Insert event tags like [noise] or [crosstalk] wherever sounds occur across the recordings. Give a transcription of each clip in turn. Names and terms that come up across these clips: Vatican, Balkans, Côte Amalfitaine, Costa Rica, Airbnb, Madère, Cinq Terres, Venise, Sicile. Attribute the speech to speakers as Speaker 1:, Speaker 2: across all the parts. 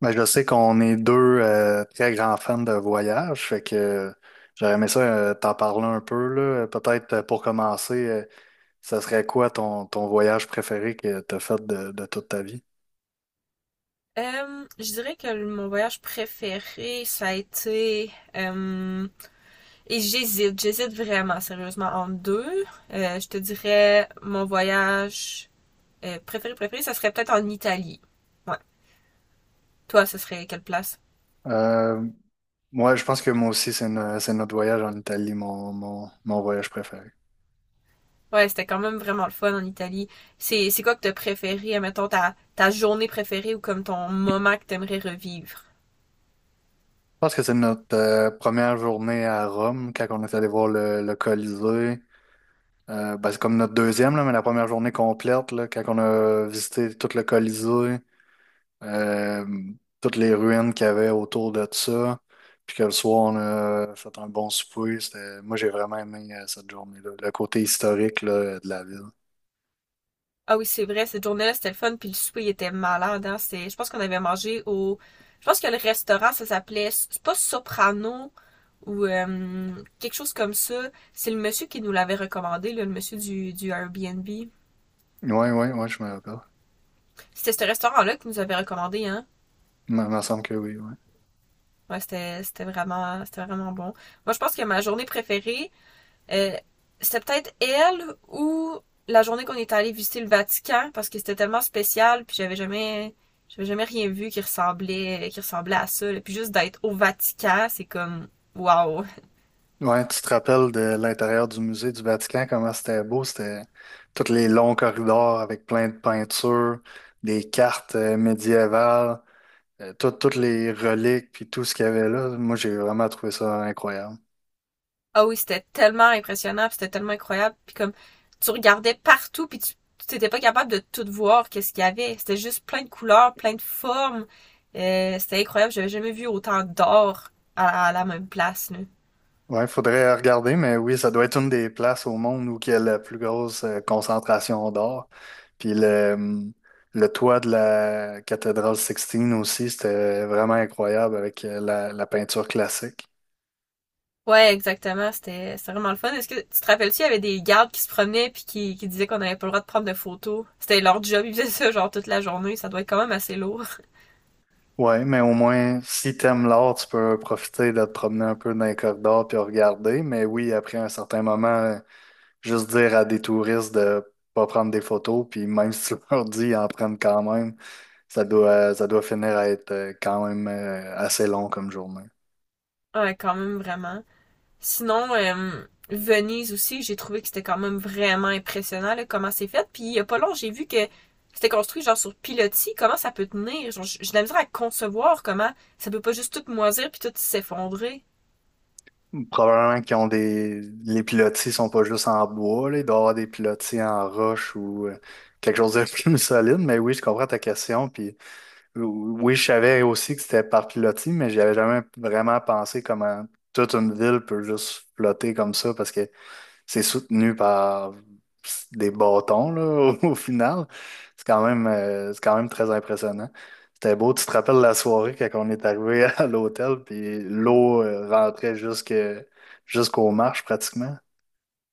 Speaker 1: Ben, je sais qu'on est deux très grands fans de voyage, fait que j'aurais aimé ça t'en parler un peu, là. Peut-être pour commencer, ça serait quoi ton voyage préféré que t'as fait de toute ta vie?
Speaker 2: Je dirais que mon voyage préféré, ça a été... et j'hésite vraiment sérieusement entre deux. Je te dirais mon voyage préféré, ça serait peut-être en Italie. Ouais. Toi, ce serait quelle place?
Speaker 1: Euh, Moi, je pense que moi aussi, c'est no- c'est notre voyage en Italie, mon voyage préféré. Je
Speaker 2: Ouais, c'était quand même vraiment le fun en Italie. C'est quoi que t'as préféré, admettons, ta journée préférée ou comme ton moment que t'aimerais revivre?
Speaker 1: pense que c'est notre première journée à Rome, quand on est allé voir le Colisée. Ben, c'est comme notre deuxième, là, mais la première journée complète, là, quand on a visité tout le Colisée. euh, Toutes les ruines qu'il y avait autour de ça. Puis que le soir, on a fait un bon souper. C'était- Moi, j'ai vraiment aimé cette journée-là. Le côté historique là, de la ville.
Speaker 2: Ah oui, c'est vrai, cette journée-là, c'était le fun, puis le souper, il était malade, hein. Je pense qu'on avait mangé au, je pense que le restaurant, ça s'appelait, c'est pas Soprano, ou quelque chose comme ça. C'est le monsieur qui nous l'avait recommandé, là, le monsieur du Airbnb.
Speaker 1: Oui, oui, oui, je me rappelle.
Speaker 2: C'était ce restaurant-là qui nous avait recommandé, hein.
Speaker 1: Il me semble que oui, oui.
Speaker 2: Ouais, c'était vraiment bon. Moi, je pense que ma journée préférée, Euh, c'était peut-être elle ou la journée qu'on est allé visiter le Vatican parce que c'était tellement spécial puis j'avais jamais rien vu qui ressemblait à ça là. Puis juste d'être au Vatican, c'est comme waouh.
Speaker 1: Ouais, tu te rappelles de l'intérieur du musée du Vatican, comment c'était beau? C'était tous les longs corridors avec plein de peintures, des cartes médiévales, toutes les reliques, puis tout ce qu'il y avait là. Moi, j'ai vraiment trouvé ça incroyable.
Speaker 2: Ah oui, c'était tellement impressionnant puis c'était tellement incroyable puis comme tu regardais partout puis tu t'étais pas capable de tout voir qu'est-ce qu'il y avait. C'était juste plein de couleurs, plein de formes, c'était incroyable, j'avais jamais vu autant d'or à la même place là.
Speaker 1: Ouais, faudrait regarder, mais oui, ça doit être une des places au monde où il y a la plus grosse concentration d'or. Puis le toit de la cathédrale Sixtine aussi, c'était vraiment incroyable avec la peinture classique.
Speaker 2: Ouais, exactement, c'était c'était vraiment le fun. Est-ce que tu te rappelles-tu, il y avait des gardes qui se promenaient puis qui disaient qu'on n'avait pas le droit de prendre de photos. C'était leur job, ils faisaient ça genre toute la journée, ça doit être quand même assez lourd. [laughs]
Speaker 1: Ouais, mais au moins, si t'aimes l'art, tu peux profiter de te promener un peu dans les corridors puis regarder. Mais oui, après un certain moment, juste dire à des touristes de pas prendre des photos, puis même [laughs] si tu leur dis, ils en prennent quand même, ça doit finir à être quand même assez long comme journée.
Speaker 2: Ouais, quand même vraiment. Sinon, Venise aussi, j'ai trouvé que c'était quand même vraiment impressionnant là, comment c'est fait. Puis il y a pas long, j'ai vu que c'était construit genre sur pilotis. Comment ça peut tenir? Genre, j'ai de la misère à concevoir comment ça peut pas juste tout moisir puis tout s'effondrer.
Speaker 1: Probablement qu'ils ont des… Les pilotis sont pas juste en bois, là. Il doit y avoir des pilotis en roche ou quelque chose de [laughs] plus solide, mais oui, je comprends ta question, puis oui, je savais aussi que c'était par pilotis, mais j'avais jamais vraiment pensé comment toute une ville peut juste flotter comme ça, parce que c'est soutenu par des bâtons, là, [laughs] au, au final. C'est quand même très impressionnant. C'était beau. Tu te rappelles la soirée quand on est arrivé [laughs] à l'hôtel, puis l'eau rentrait jusque, jusqu'aux marches pratiquement.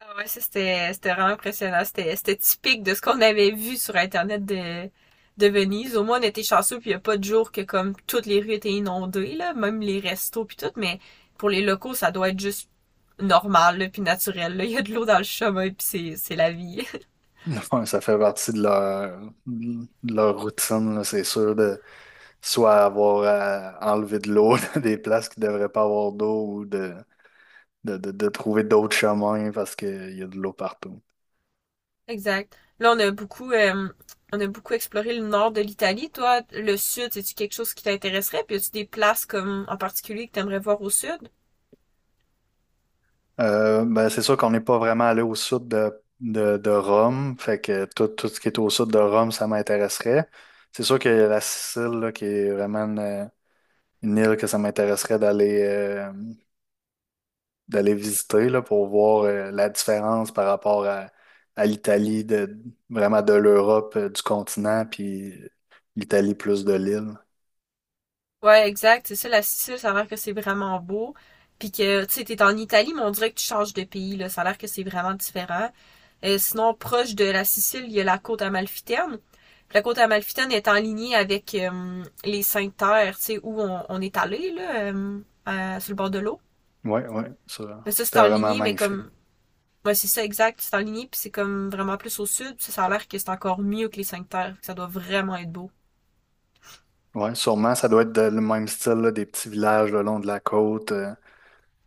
Speaker 2: Ah ouais, ça c'était vraiment impressionnant. C'était typique de ce qu'on avait vu sur Internet de Venise. Au moins on était chanceux puis il n'y a pas de jour que comme toutes les rues étaient inondées, là, même les restos puis tout, mais pour les locaux, ça doit être juste normal, là, puis naturel. Là. Il y a de l'eau dans le chemin puis c'est la vie.
Speaker 1: [laughs] Ouais, ça fait partie de leur routine, là, c'est sûr, de soit avoir à enlever de l'eau [laughs] dans des places qui ne devraient pas avoir d'eau ou de trouver d'autres chemins parce qu'il y a de l'eau partout.
Speaker 2: [laughs] Exact. Là on a beaucoup exploré le nord de l'Italie. Toi, le sud, c'est-tu quelque chose qui t'intéresserait? Puis as-tu des places comme en particulier que t'aimerais voir au sud?
Speaker 1: Ben, c'est sûr qu'on n'est pas vraiment allé au sud de Rome, fait que tout ce qui est au sud de Rome, ça m'intéresserait. C'est sûr que la Sicile, là, qui est vraiment une île que ça m'intéresserait d'aller d'aller visiter là, pour voir la différence par rapport à l'Italie, de, vraiment de l'Europe, du continent, puis l'Italie plus de l'île.
Speaker 2: Ouais, exact. C'est ça, la Sicile, ça a l'air que c'est vraiment beau. Puis que, tu sais, t'es en Italie, mais on dirait que tu changes de pays, là. Ça a l'air que c'est vraiment différent. Sinon, proche de la Sicile, il y a la côte amalfitaine. Puis la côte amalfitaine est en lignée avec les Cinq Terres, tu sais, où on est allé, là, sur le bord de l'eau.
Speaker 1: Ouais, ouais,
Speaker 2: Mais
Speaker 1: ça,
Speaker 2: ça, c'est
Speaker 1: c'était
Speaker 2: en
Speaker 1: vraiment
Speaker 2: lignée, mais
Speaker 1: magnifique.
Speaker 2: comme... Ouais, c'est ça, exact. C'est en lignée, puis c'est comme vraiment plus au sud. Ça a l'air que c'est encore mieux que les Cinq Terres. Ça doit vraiment être beau.
Speaker 1: Ouais, sûrement, ça doit être de- le même style, là, des petits villages le long de la côte. euh,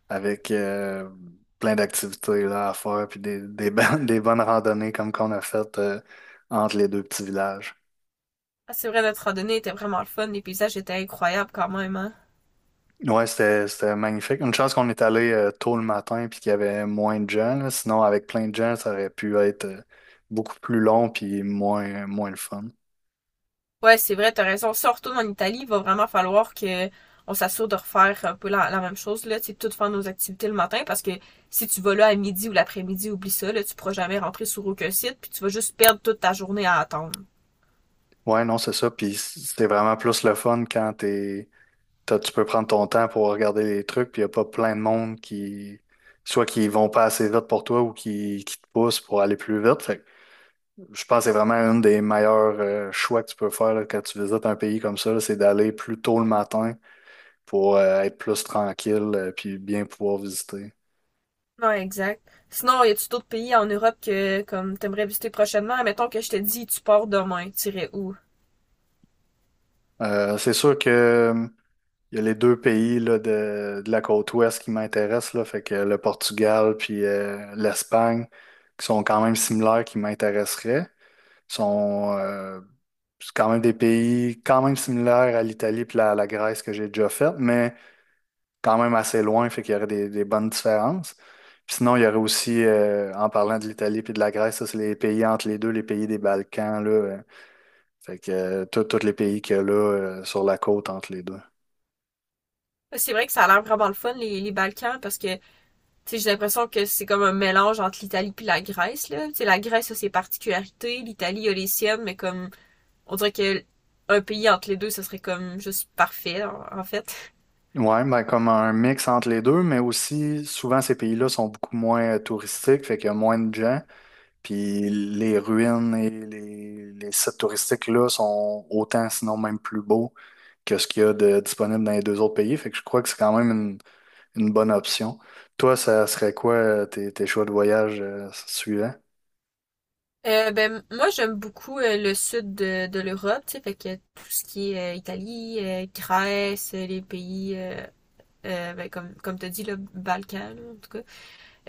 Speaker 1: avec euh, plein d'activités là, à faire, puis des bonnes, [laughs] des bonnes randonnées comme qu'on a faites entre les deux petits villages.
Speaker 2: Ah, c'est vrai, notre randonnée était vraiment le fun. Les paysages étaient incroyables quand même, hein.
Speaker 1: Ouais, c'était, c'était magnifique. Une chance qu'on est allé tôt le matin puis qu'il y avait moins de gens, là. Sinon, avec plein de gens, ça aurait pu être beaucoup plus long puis moins le fun.
Speaker 2: Ouais, c'est vrai, t'as raison. Si on retourne en Italie, il va vraiment falloir que on s'assure de refaire un peu la même chose, là, tu sais, toutes faire nos activités le matin, parce que si tu vas là à midi ou l'après-midi, oublie ça, là, tu pourras jamais rentrer sur aucun site, puis tu vas juste perdre toute ta journée à attendre.
Speaker 1: Ouais, non, c'est ça. Puis c'était vraiment plus le fun quand t'as- tu peux prendre ton temps pour regarder les trucs, puis il n'y a pas plein de monde qui, soit qui vont pas assez vite pour toi ou qui te poussent pour aller plus vite. Fait que je pense que c'est vraiment un des meilleurs choix que tu peux faire là, quand tu visites un pays comme ça, là, c'est d'aller plus tôt le matin pour être plus tranquille puis bien pouvoir visiter.
Speaker 2: Non, exact. Sinon, y a-tu d'autres pays en Europe que, comme, t'aimerais visiter prochainement? Mettons que je te dis, tu pars demain, t'irais où?
Speaker 1: C'est sûr que il y a les deux pays là, de la côte ouest qui m'intéressent, là, fait que le Portugal puis l'Espagne, qui sont quand même similaires, qui m'intéresseraient, sont c'est quand même des pays quand même similaires à l'Italie puis la Grèce que j'ai déjà faite, mais quand même assez loin, fait qu'il y aurait des bonnes différences. Puis sinon, il y aurait aussi, en parlant de l'Italie puis de la Grèce, ça, c'est les pays entre les deux, les pays des Balkans, là, fait que tous les pays qu'il y a là, sur la côte entre les deux.
Speaker 2: C'est vrai que ça a l'air vraiment le fun, les Balkans, parce que, tu sais, j'ai l'impression que c'est comme un mélange entre l'Italie puis la Grèce, là. Tu sais, la Grèce a ses particularités, l'Italie a les siennes, mais comme, on dirait que un pays entre les deux, ce serait comme juste parfait, en, fait.
Speaker 1: Ouais, ben comme un mix entre les deux, mais aussi souvent ces pays-là sont beaucoup moins touristiques, fait qu'il y a moins de gens, puis les ruines et les sites touristiques-là sont autant, sinon même plus beaux que ce qu'il y a de disponible dans les deux autres pays, fait que je crois que c'est quand même une bonne option. Toi, ça serait quoi tes choix de voyage suivants?
Speaker 2: Ben, moi, j'aime beaucoup le sud de l'Europe, tu sais, fait que tout ce qui est Italie, Grèce, les pays, ben, comme t'as dit, le Balkan, là, en tout cas.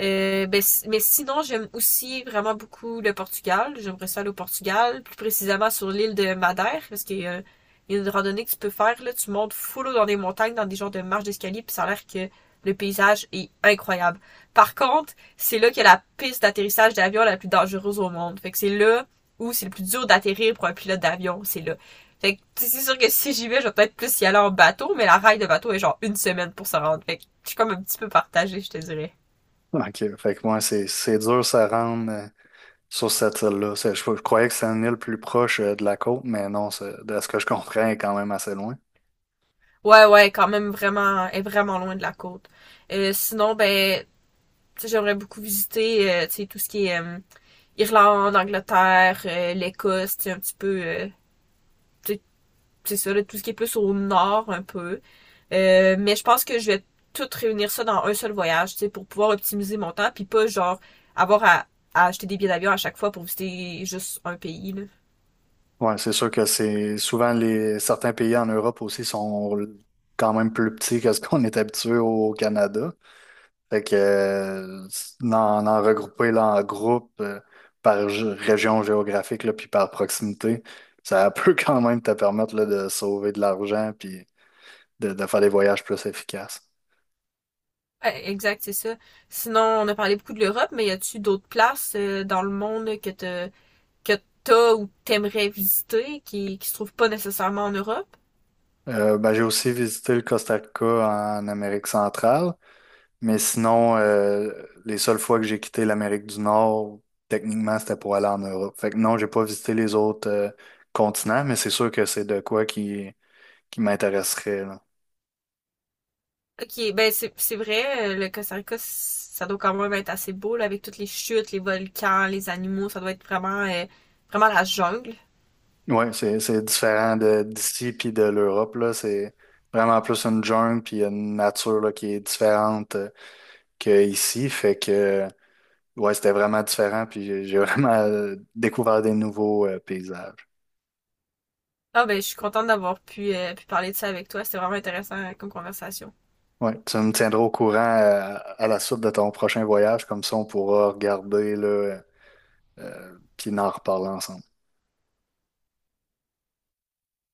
Speaker 2: Ben, mais sinon, j'aime aussi vraiment beaucoup le Portugal. J'aimerais ça aller au Portugal, plus précisément sur l'île de Madère, parce qu'il y a une randonnée que tu peux faire, là, tu montes full dans des montagnes, dans des genres de marches d'escalier, puis ça a l'air que le paysage est incroyable. Par contre, c'est là qu'il y a la piste d'atterrissage d'avion la plus dangereuse au monde. Fait que c'est là où c'est le plus dur d'atterrir pour un pilote d'avion, c'est là. Fait que c'est sûr que si j'y vais, je vais peut-être plus y aller en bateau, mais la raille de bateau est genre une semaine pour se rendre. Fait que je suis comme un petit peu partagée, je te dirais.
Speaker 1: Ok, fait que moi, c'est dur ça rendre sur cette île-là. C'est- je croyais que c'était une île plus proche de la côte, mais non, c'est- de ce que je comprends, elle est quand même assez loin.
Speaker 2: Ouais, ouais, quand même vraiment, elle est vraiment loin de la côte. Sinon, ben, tu sais, j'aimerais beaucoup visiter, tu sais, tout ce qui est Irlande, Angleterre, l'Écosse, tu sais, un petit peu, tu sais, c'est ça, là, tout ce qui est plus au nord un peu. Mais je pense que je vais tout réunir ça dans un seul voyage, tu sais, pour pouvoir optimiser mon temps, puis pas genre avoir à acheter des billets d'avion à chaque fois pour visiter juste un pays, là.
Speaker 1: Ouais, c'est sûr que c'est souvent les certains pays en Europe aussi sont quand même plus petits que ce qu'on est habitué au Canada. Fait que en, en regrouper là, en groupe par gé- région géographique là, puis par proximité, ça [laughs] peut quand même te permettre là, de sauver de l'argent puis de faire des voyages plus efficaces.
Speaker 2: Ouais, exact, c'est ça. Sinon, on a parlé beaucoup de l'Europe, mais y a-tu d'autres places dans le monde que t'as ou t'aimerais visiter qui se trouve pas nécessairement en Europe?
Speaker 1: Ben, j'ai aussi visité le Costa Rica en Amérique centrale, mais sinon, les seules fois que j'ai quitté l'Amérique du Nord, techniquement, c'était pour aller en Europe. Fait que non, j'ai pas visité les autres continents, mais c'est sûr que c'est de quoi qui m'intéresserait, là.
Speaker 2: Ok, ben c'est vrai, le Costa Rica, ça doit quand même être assez beau, là, avec toutes les chutes, les volcans, les animaux, ça doit être vraiment, vraiment la jungle.
Speaker 1: Ouais, c'est différent de d'ici puis de l'Europe, là. C'est vraiment plus une jungle puis une nature, là, qui est différente. Que ici. Fait que, ouais, c'était vraiment différent. Puis j'ai [laughs] vraiment découvert des nouveaux paysages.
Speaker 2: Ah ben, je suis contente d'avoir pu parler de ça avec toi, c'était vraiment intéressant comme conversation.
Speaker 1: Ouais, tu me tiendras au courant à la suite de ton prochain voyage. Comme ça, on pourra regarder, là, puis en reparler ensemble.